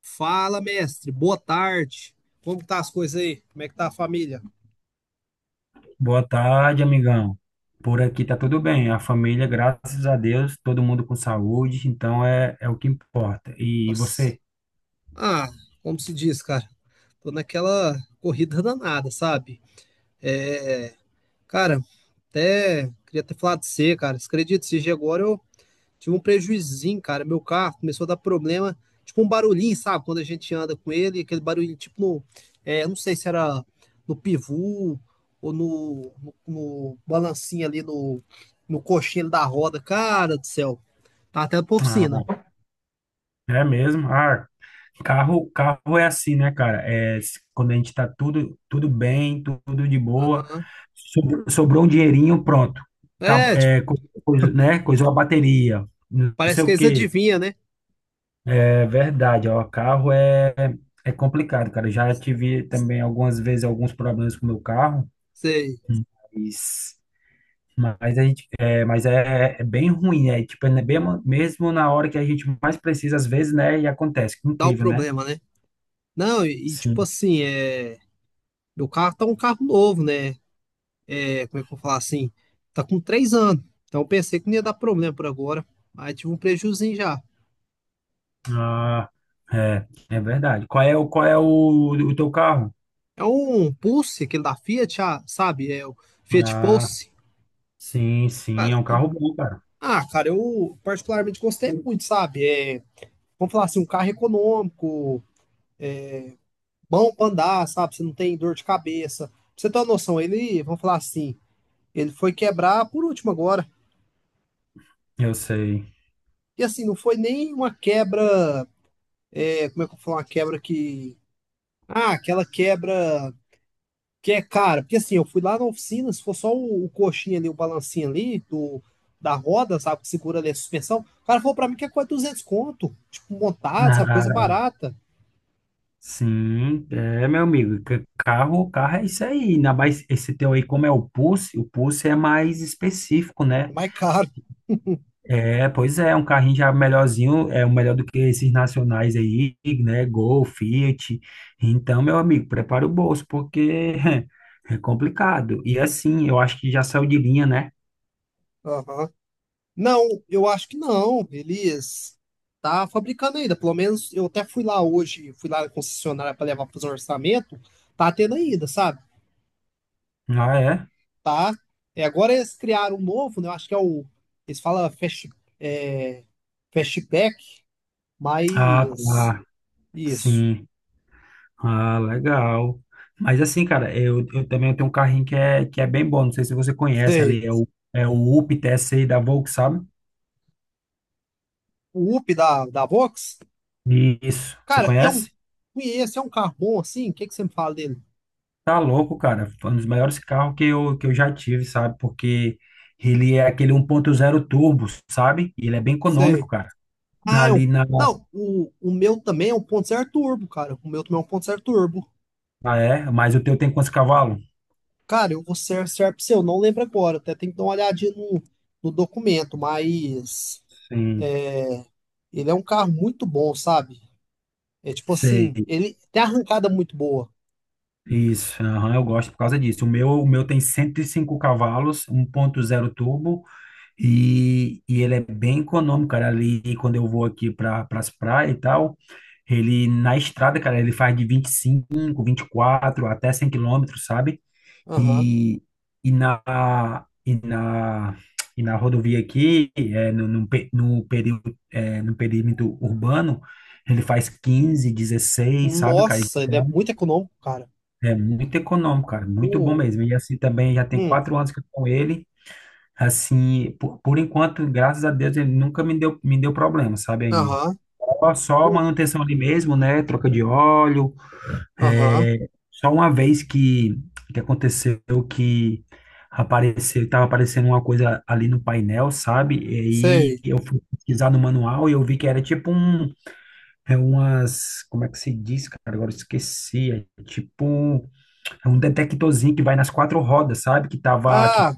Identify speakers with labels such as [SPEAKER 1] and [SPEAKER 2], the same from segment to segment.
[SPEAKER 1] Fala, mestre. Boa tarde. Como que tá as coisas aí? Como é que tá a família?
[SPEAKER 2] Boa tarde, amigão. Por aqui tá tudo bem. A família, graças a Deus, todo mundo com saúde, então é o que importa. E
[SPEAKER 1] Nossa.
[SPEAKER 2] você?
[SPEAKER 1] Ah, como se diz, cara? Tô naquela corrida danada, sabe? É, cara, até queria ter falado de você, cara. Você acredita? Se agora eu tive um prejuizinho, cara. Meu carro começou a dar problema, tipo um barulhinho, sabe? Quando a gente anda com ele, aquele barulhinho, tipo no. É, não sei se era no pivô ou no balancinho ali no coxinho da roda. Cara do céu, tá até pra oficina.
[SPEAKER 2] Ah, é mesmo? Ah, carro é assim, né, cara? É, quando a gente tá tudo bem, tudo de boa,
[SPEAKER 1] Aham.
[SPEAKER 2] sobrou um dinheirinho, pronto. Acab-
[SPEAKER 1] É, tipo,
[SPEAKER 2] É, co- Coisa, né? Coisou a bateria, não
[SPEAKER 1] parece
[SPEAKER 2] sei
[SPEAKER 1] que
[SPEAKER 2] o
[SPEAKER 1] eles
[SPEAKER 2] quê.
[SPEAKER 1] adivinham, né?
[SPEAKER 2] É verdade, ó, é complicado, cara. Já tive também algumas vezes alguns problemas com o meu carro.
[SPEAKER 1] Você
[SPEAKER 2] Mas, mas a gente, é bem ruim, né? Tipo, é bem, mesmo na hora que a gente mais precisa, às vezes, né? E acontece. Que
[SPEAKER 1] dá o
[SPEAKER 2] incrível, né?
[SPEAKER 1] problema, né? Não, e, tipo
[SPEAKER 2] Sim.
[SPEAKER 1] assim, meu carro tá um carro novo, né? É, como é que eu vou falar assim? Tá com 3 anos. Então eu pensei que não ia dar problema por agora, mas tive um prejuizinho já.
[SPEAKER 2] Ah, é, é verdade. O teu carro?
[SPEAKER 1] É um Pulse, aquele da Fiat, ah, sabe? É o Fiat
[SPEAKER 2] Ah,
[SPEAKER 1] Pulse.
[SPEAKER 2] sim, sim,
[SPEAKER 1] Cara,
[SPEAKER 2] é um carro bom, cara.
[SPEAKER 1] ah, cara, eu particularmente gostei muito, sabe? É, vamos falar assim, um carro econômico, bom pra andar, sabe? Você não tem dor de cabeça. Pra você ter uma noção, ele, vamos falar assim, ele foi quebrar por último agora.
[SPEAKER 2] Eu sei.
[SPEAKER 1] E assim, não foi nem uma quebra, é, como é que eu vou falar, uma quebra que. Ah, aquela quebra. Que é cara, porque assim, eu fui lá na oficina, se for só o coxinha ali, o balancinho ali, da roda, sabe, que segura ali a suspensão, o cara falou pra mim que é quase 200 conto, tipo, montado, sabe, coisa
[SPEAKER 2] Ah,
[SPEAKER 1] barata,
[SPEAKER 2] sim, é, meu amigo. Carro é isso aí. Ainda mais esse teu aí, como é o Pulse é mais específico,
[SPEAKER 1] é
[SPEAKER 2] né?
[SPEAKER 1] mais caro.
[SPEAKER 2] É, pois é, um carrinho já melhorzinho, é o melhor do que esses nacionais aí, né? Gol, Fiat. Então, meu amigo, prepara o bolso, porque é complicado. E assim, eu acho que já saiu de linha, né?
[SPEAKER 1] Aham. Não, eu acho que não, eles tá fabricando ainda, pelo menos eu até fui lá hoje, fui lá na concessionária pra levar pra fazer um orçamento, tá tendo ainda, sabe,
[SPEAKER 2] Ah, é?
[SPEAKER 1] tá. E agora eles criaram um novo, né, eu acho que é o, eles falam Fast, é, Fastback,
[SPEAKER 2] Ah,
[SPEAKER 1] mas...
[SPEAKER 2] tá.
[SPEAKER 1] Isso.
[SPEAKER 2] Sim. Ah, legal. Mas assim, cara, eu também tenho um carrinho que é bem bom. Não sei se você conhece
[SPEAKER 1] Sei.
[SPEAKER 2] ali, é o Up T TSI da Volks, sabe?
[SPEAKER 1] O Up da Vox?
[SPEAKER 2] Isso. Você
[SPEAKER 1] Cara, e é um.
[SPEAKER 2] conhece?
[SPEAKER 1] Conheço, é um carro bom assim? O que, que você me fala dele?
[SPEAKER 2] Tá louco, cara. Foi um dos maiores carros que que eu já tive, sabe? Porque ele é aquele um ponto zero turbo, sabe? E ele é bem econômico,
[SPEAKER 1] Sei.
[SPEAKER 2] cara. Na-
[SPEAKER 1] Ah, é
[SPEAKER 2] Ali
[SPEAKER 1] um.
[SPEAKER 2] na.
[SPEAKER 1] Não, o meu também é um 1.0 turbo, cara. O meu também é um 1.0 turbo.
[SPEAKER 2] Ah, é? Mas o teu tem quantos cavalos?
[SPEAKER 1] Cara, eu vou ser certo pra você, eu não lembro agora. Até tem que dar uma olhadinha no documento, mas
[SPEAKER 2] Sim,
[SPEAKER 1] ele é um carro muito bom, sabe? É tipo assim,
[SPEAKER 2] sei.
[SPEAKER 1] ele tem arrancada muito boa.
[SPEAKER 2] Isso. Aham, eu gosto por causa disso. O meu tem 105 cavalos, um ponto zero turbo. E ele é bem econômico, cara. Ali, quando eu vou aqui para as praias e tal. Ele na estrada, cara, ele faz de 25, quatro até 100 km, sabe?
[SPEAKER 1] Aham.
[SPEAKER 2] E, e na, e na, e na rodovia aqui, é, período, é, no perímetro urbano, ele faz 15, 16 sabe, cara?
[SPEAKER 1] Nossa, ele é muito econômico, cara.
[SPEAKER 2] É muito econômico, cara, muito bom
[SPEAKER 1] O.
[SPEAKER 2] mesmo. E assim também já tem
[SPEAKER 1] Hum.
[SPEAKER 2] 4 anos que eu tô com ele. Assim, por enquanto, graças a Deus, ele nunca me deu problema, sabe, ainda.
[SPEAKER 1] Aham.
[SPEAKER 2] Só
[SPEAKER 1] O.
[SPEAKER 2] manutenção ali mesmo, né? Troca de óleo,
[SPEAKER 1] Aham.
[SPEAKER 2] é, só uma vez que aconteceu que apareceu, estava aparecendo uma coisa ali no painel, sabe? E aí
[SPEAKER 1] Sei.
[SPEAKER 2] eu fui pesquisar no manual e eu vi que era tipo um, é umas, como é que se diz, cara? Agora eu esqueci. É tipo, é um detectorzinho que vai nas quatro rodas, sabe? Que tava,
[SPEAKER 1] Ah,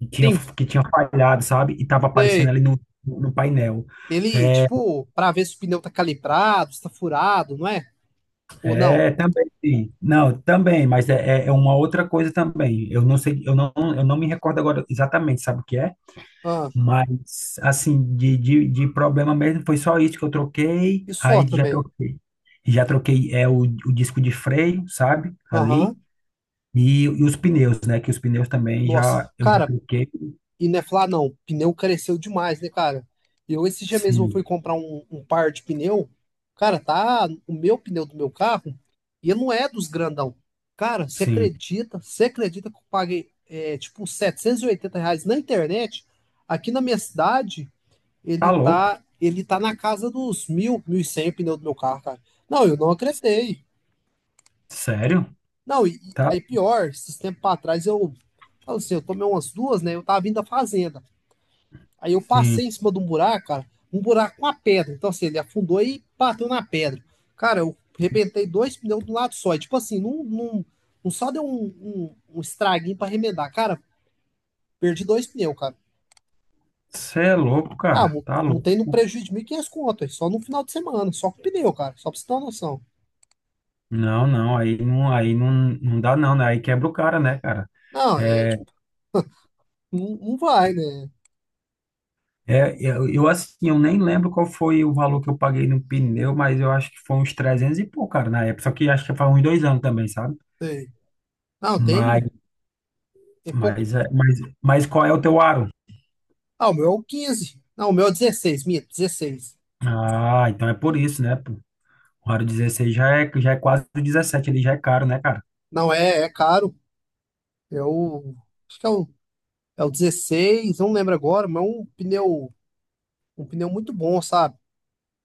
[SPEAKER 2] que tinha,
[SPEAKER 1] tem,
[SPEAKER 2] que tinha falhado, sabe? E tava aparecendo
[SPEAKER 1] sei.
[SPEAKER 2] ali no painel.
[SPEAKER 1] Ele,
[SPEAKER 2] É,
[SPEAKER 1] tipo, pra ver se o pneu tá calibrado, se tá furado, não é? Ou não?
[SPEAKER 2] Também, sim. Não, também, mas é, é é uma outra coisa também. Eu não sei, eu não me recordo agora exatamente, sabe o que é?
[SPEAKER 1] Ah,
[SPEAKER 2] Mas, assim, de problema mesmo, foi só isso que eu troquei,
[SPEAKER 1] e só
[SPEAKER 2] aí já
[SPEAKER 1] também.
[SPEAKER 2] troquei. Já troquei é, o disco de freio, sabe?
[SPEAKER 1] Aham.
[SPEAKER 2] Ali, e os pneus, né? Que os pneus também
[SPEAKER 1] Nossa,
[SPEAKER 2] já, eu já
[SPEAKER 1] cara,
[SPEAKER 2] troquei.
[SPEAKER 1] e não é falar não, o pneu careceu demais, né, cara? Eu esse dia mesmo fui
[SPEAKER 2] Sim,
[SPEAKER 1] comprar um par de pneu. Cara, tá o meu pneu do meu carro e ele não é dos grandão. Cara, você
[SPEAKER 2] sim.
[SPEAKER 1] acredita? Você acredita que eu paguei, é, tipo, R$ 780 na internet aqui na minha cidade?
[SPEAKER 2] Tá
[SPEAKER 1] Ele
[SPEAKER 2] louco?
[SPEAKER 1] tá, ele tá na casa dos 1000, 1100 pneu do meu carro, cara. Não, eu não acreditei.
[SPEAKER 2] Sério?
[SPEAKER 1] Não, e
[SPEAKER 2] Tá?
[SPEAKER 1] aí pior, esses tempos pra trás eu, falo assim, eu tomei umas duas, né? Eu tava vindo da fazenda. Aí eu
[SPEAKER 2] Sim.
[SPEAKER 1] passei em cima de um buraco, cara, um buraco com a pedra. Então, assim, ele afundou e bateu na pedra. Cara, eu arrebentei dois pneus do lado só. E, tipo assim, não só deu um estraguinho pra remendar. Cara, perdi dois pneus, cara.
[SPEAKER 2] Você é louco,
[SPEAKER 1] Ah,
[SPEAKER 2] cara. Tá louco.
[SPEAKER 1] montei no prejuízo de 1500 conto, aí, só no final de semana, só com pneu, cara. Só pra você ter uma noção.
[SPEAKER 2] Não, não, aí não, aí não, não dá não, né? Aí quebra o cara, né, cara?
[SPEAKER 1] Não, é
[SPEAKER 2] É,
[SPEAKER 1] tipo, não, não vai, né?
[SPEAKER 2] eu, assim, eu nem lembro qual foi o valor que eu paguei no pneu, mas eu acho que foi uns 300 e pouco, cara, na época. Só que acho que faz uns 2 anos também, sabe?
[SPEAKER 1] Sei. Não, tem,
[SPEAKER 2] Mas,
[SPEAKER 1] tem pouco.
[SPEAKER 2] mas qual é o teu aro?
[SPEAKER 1] Ah, o meu é o 15. Não, o meu é o 16, minha, 16.
[SPEAKER 2] Ah, então é por isso, né? Pô? O aro 16 já é quase o 17, ele já é caro, né, cara?
[SPEAKER 1] Não, é caro. É o. Acho que é o 16, não lembro agora, mas é um pneu. Um pneu muito bom, sabe?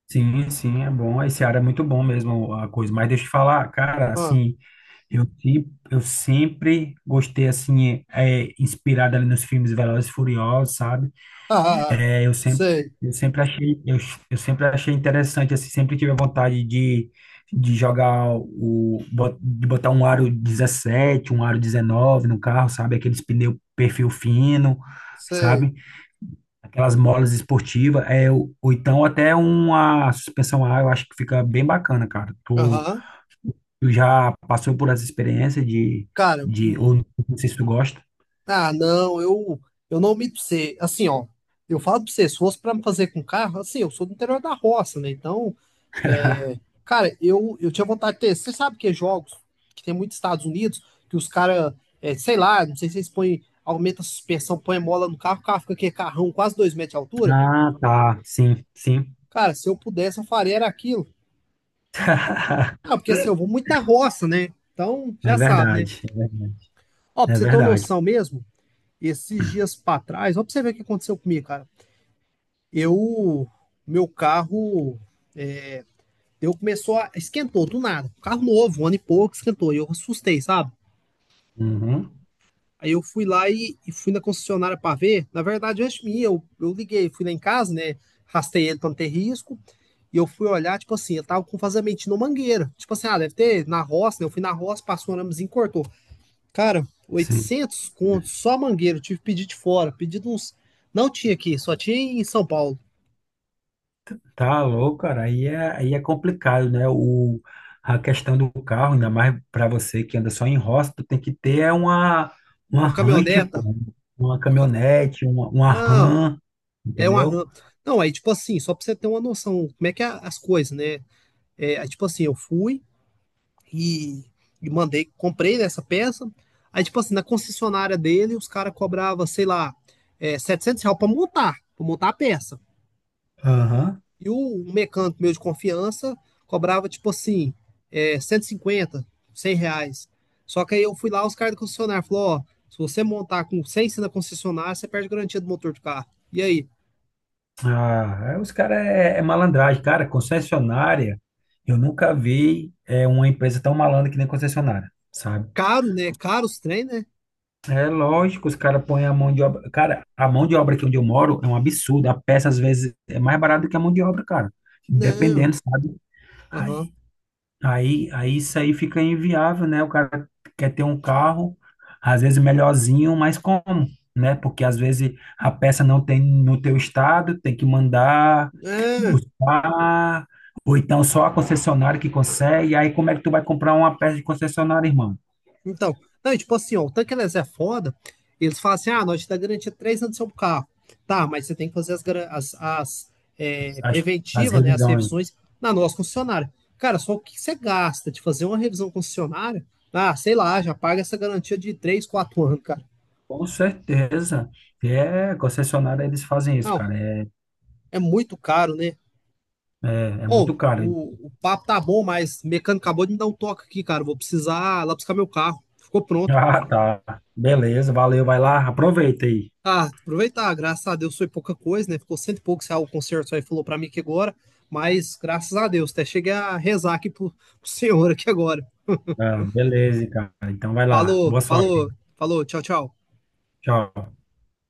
[SPEAKER 2] Sim, sim, é bom. Esse aro é muito bom mesmo, a coisa. Mas deixa eu te falar, cara,
[SPEAKER 1] Ah,
[SPEAKER 2] assim. Eu, se- eu sempre gostei, assim, inspirado ali nos filmes Velozes e Furiosos, sabe?
[SPEAKER 1] ah, ah, ah.
[SPEAKER 2] É,
[SPEAKER 1] Sei,
[SPEAKER 2] eu sempre achei, eu sempre achei interessante, assim, sempre tive a vontade de, de botar um aro 17, um aro 19 no carro, sabe? Aqueles pneu perfil fino,
[SPEAKER 1] sei.
[SPEAKER 2] sabe? Aquelas molas esportivas, é, ou então até uma suspensão A, eu acho que fica bem bacana, cara.
[SPEAKER 1] Aham.
[SPEAKER 2] Tu já passou por essa experiência
[SPEAKER 1] Cara,
[SPEAKER 2] ou não sei se tu gosta.
[SPEAKER 1] ah, não, eu não minto pra você. Assim, ó. Eu falo pra você, se fosse pra me fazer com carro, assim, eu sou do interior da roça, né? Então. É, cara, eu tinha vontade de ter. Você sabe que é jogos que tem muito nos Estados Unidos, que os caras, sei lá, não sei se eles põem, aumenta a suspensão, põe mola no carro, o carro fica aqui, carrão, quase 2 metros de altura.
[SPEAKER 2] Ah, tá, sim, sim.
[SPEAKER 1] Cara, se eu pudesse, eu faria era aquilo. Ah, porque assim, eu vou muito na roça, né? Então,
[SPEAKER 2] É
[SPEAKER 1] já sabe, né?
[SPEAKER 2] verdade, é verdade.
[SPEAKER 1] Ó, pra
[SPEAKER 2] É
[SPEAKER 1] você ter uma
[SPEAKER 2] verdade.
[SPEAKER 1] noção mesmo, esses dias pra trás, ó, pra você ver o que aconteceu comigo, cara. Eu, meu carro, eu começou a, esquentou do nada. Carro novo, um ano e pouco, esquentou. E eu assustei, sabe?
[SPEAKER 2] Uhum,
[SPEAKER 1] Aí eu fui lá e fui na concessionária para ver. Na verdade, antes minha, eu liguei, fui lá em casa, né? Rastei ele para não ter risco. E eu fui olhar, tipo assim, eu tava com vazamento na mangueira. Tipo assim, ah, deve ter na roça, né? Eu fui na roça, passou um aramezinho, e cortou. Cara,
[SPEAKER 2] sim.
[SPEAKER 1] 800 contos, só mangueira. Eu tive que pedir de fora, pedido uns. Não tinha aqui, só tinha em São Paulo.
[SPEAKER 2] Tá louco, cara. Aí é complicado, né? A questão do carro, ainda mais para você que anda só em roça, tu tem que ter é uma
[SPEAKER 1] Uma
[SPEAKER 2] Range,
[SPEAKER 1] caminhoneta.
[SPEAKER 2] pô, uma
[SPEAKER 1] uma ca-
[SPEAKER 2] caminhonete, uma
[SPEAKER 1] Não,
[SPEAKER 2] Ram,
[SPEAKER 1] é um
[SPEAKER 2] entendeu?
[SPEAKER 1] arranque. Não, aí, tipo assim, só pra você ter uma noção, como é que é as coisas, né? É, aí, tipo assim, eu fui. E, e mandei, comprei essa peça. Aí, tipo assim, na concessionária dele, os caras cobravam, sei lá, é, R$ 700 pra montar a peça.
[SPEAKER 2] Aham.
[SPEAKER 1] E o mecânico meu de confiança cobrava, tipo assim, é, 150 R$ 100. Só que aí eu fui lá, os caras da concessionária falaram, ó, se você montar com 100 na concessionária, você perde a garantia do motor do carro. E aí?
[SPEAKER 2] Ah, aí os caras é, é malandragem. Cara, concessionária, eu nunca vi é, uma empresa tão malandra que nem concessionária, sabe?
[SPEAKER 1] Caro, né? Caro os trem, né?
[SPEAKER 2] É lógico, os caras põem a mão de obra. Cara, a mão de obra aqui onde eu moro é um absurdo. A peça, às vezes, é mais barata do que a mão de obra, cara.
[SPEAKER 1] Não.
[SPEAKER 2] Dependendo, sabe? Aí,
[SPEAKER 1] Aham.
[SPEAKER 2] aí isso aí fica inviável, né? O cara quer ter um carro, às vezes melhorzinho, mas como, né? Porque às vezes a peça não tem no teu estado, tem que mandar
[SPEAKER 1] Não.
[SPEAKER 2] buscar, ou então só a concessionária que consegue. Aí como é que tu vai comprar uma peça de concessionária, irmão?
[SPEAKER 1] Então, não, e tipo assim, ó, o tanque eles é foda. Eles falam assim: ah, nós te dá garantia de 3 anos do seu carro. Tá, mas você tem que fazer as
[SPEAKER 2] As, as
[SPEAKER 1] preventivas, né? As
[SPEAKER 2] revisões.
[SPEAKER 1] revisões na nossa concessionária. Cara, só o que você gasta de fazer uma revisão concessionária? Ah, sei lá, já paga essa garantia de 3, 4 anos, cara.
[SPEAKER 2] Com certeza. É, concessionária, eles fazem isso,
[SPEAKER 1] Não,
[SPEAKER 2] cara.
[SPEAKER 1] é muito caro, né?
[SPEAKER 2] É, é
[SPEAKER 1] Ô,
[SPEAKER 2] muito caro.
[SPEAKER 1] o, o papo tá bom, mas o mecânico acabou de me dar um toque aqui, cara. Vou precisar lá buscar meu carro. Ficou pronto.
[SPEAKER 2] Ah, tá. Beleza, valeu, vai lá, aproveita aí.
[SPEAKER 1] Ah, aproveitar, graças a Deus foi pouca coisa, né? Ficou cento e pouco, se o concerto só aí falou pra mim que agora, mas graças a Deus, até cheguei a rezar aqui pro senhor aqui agora.
[SPEAKER 2] Ah, beleza, cara. Então vai lá.
[SPEAKER 1] Falou,
[SPEAKER 2] Boa sorte.
[SPEAKER 1] falou, falou, tchau, tchau.
[SPEAKER 2] Tchau.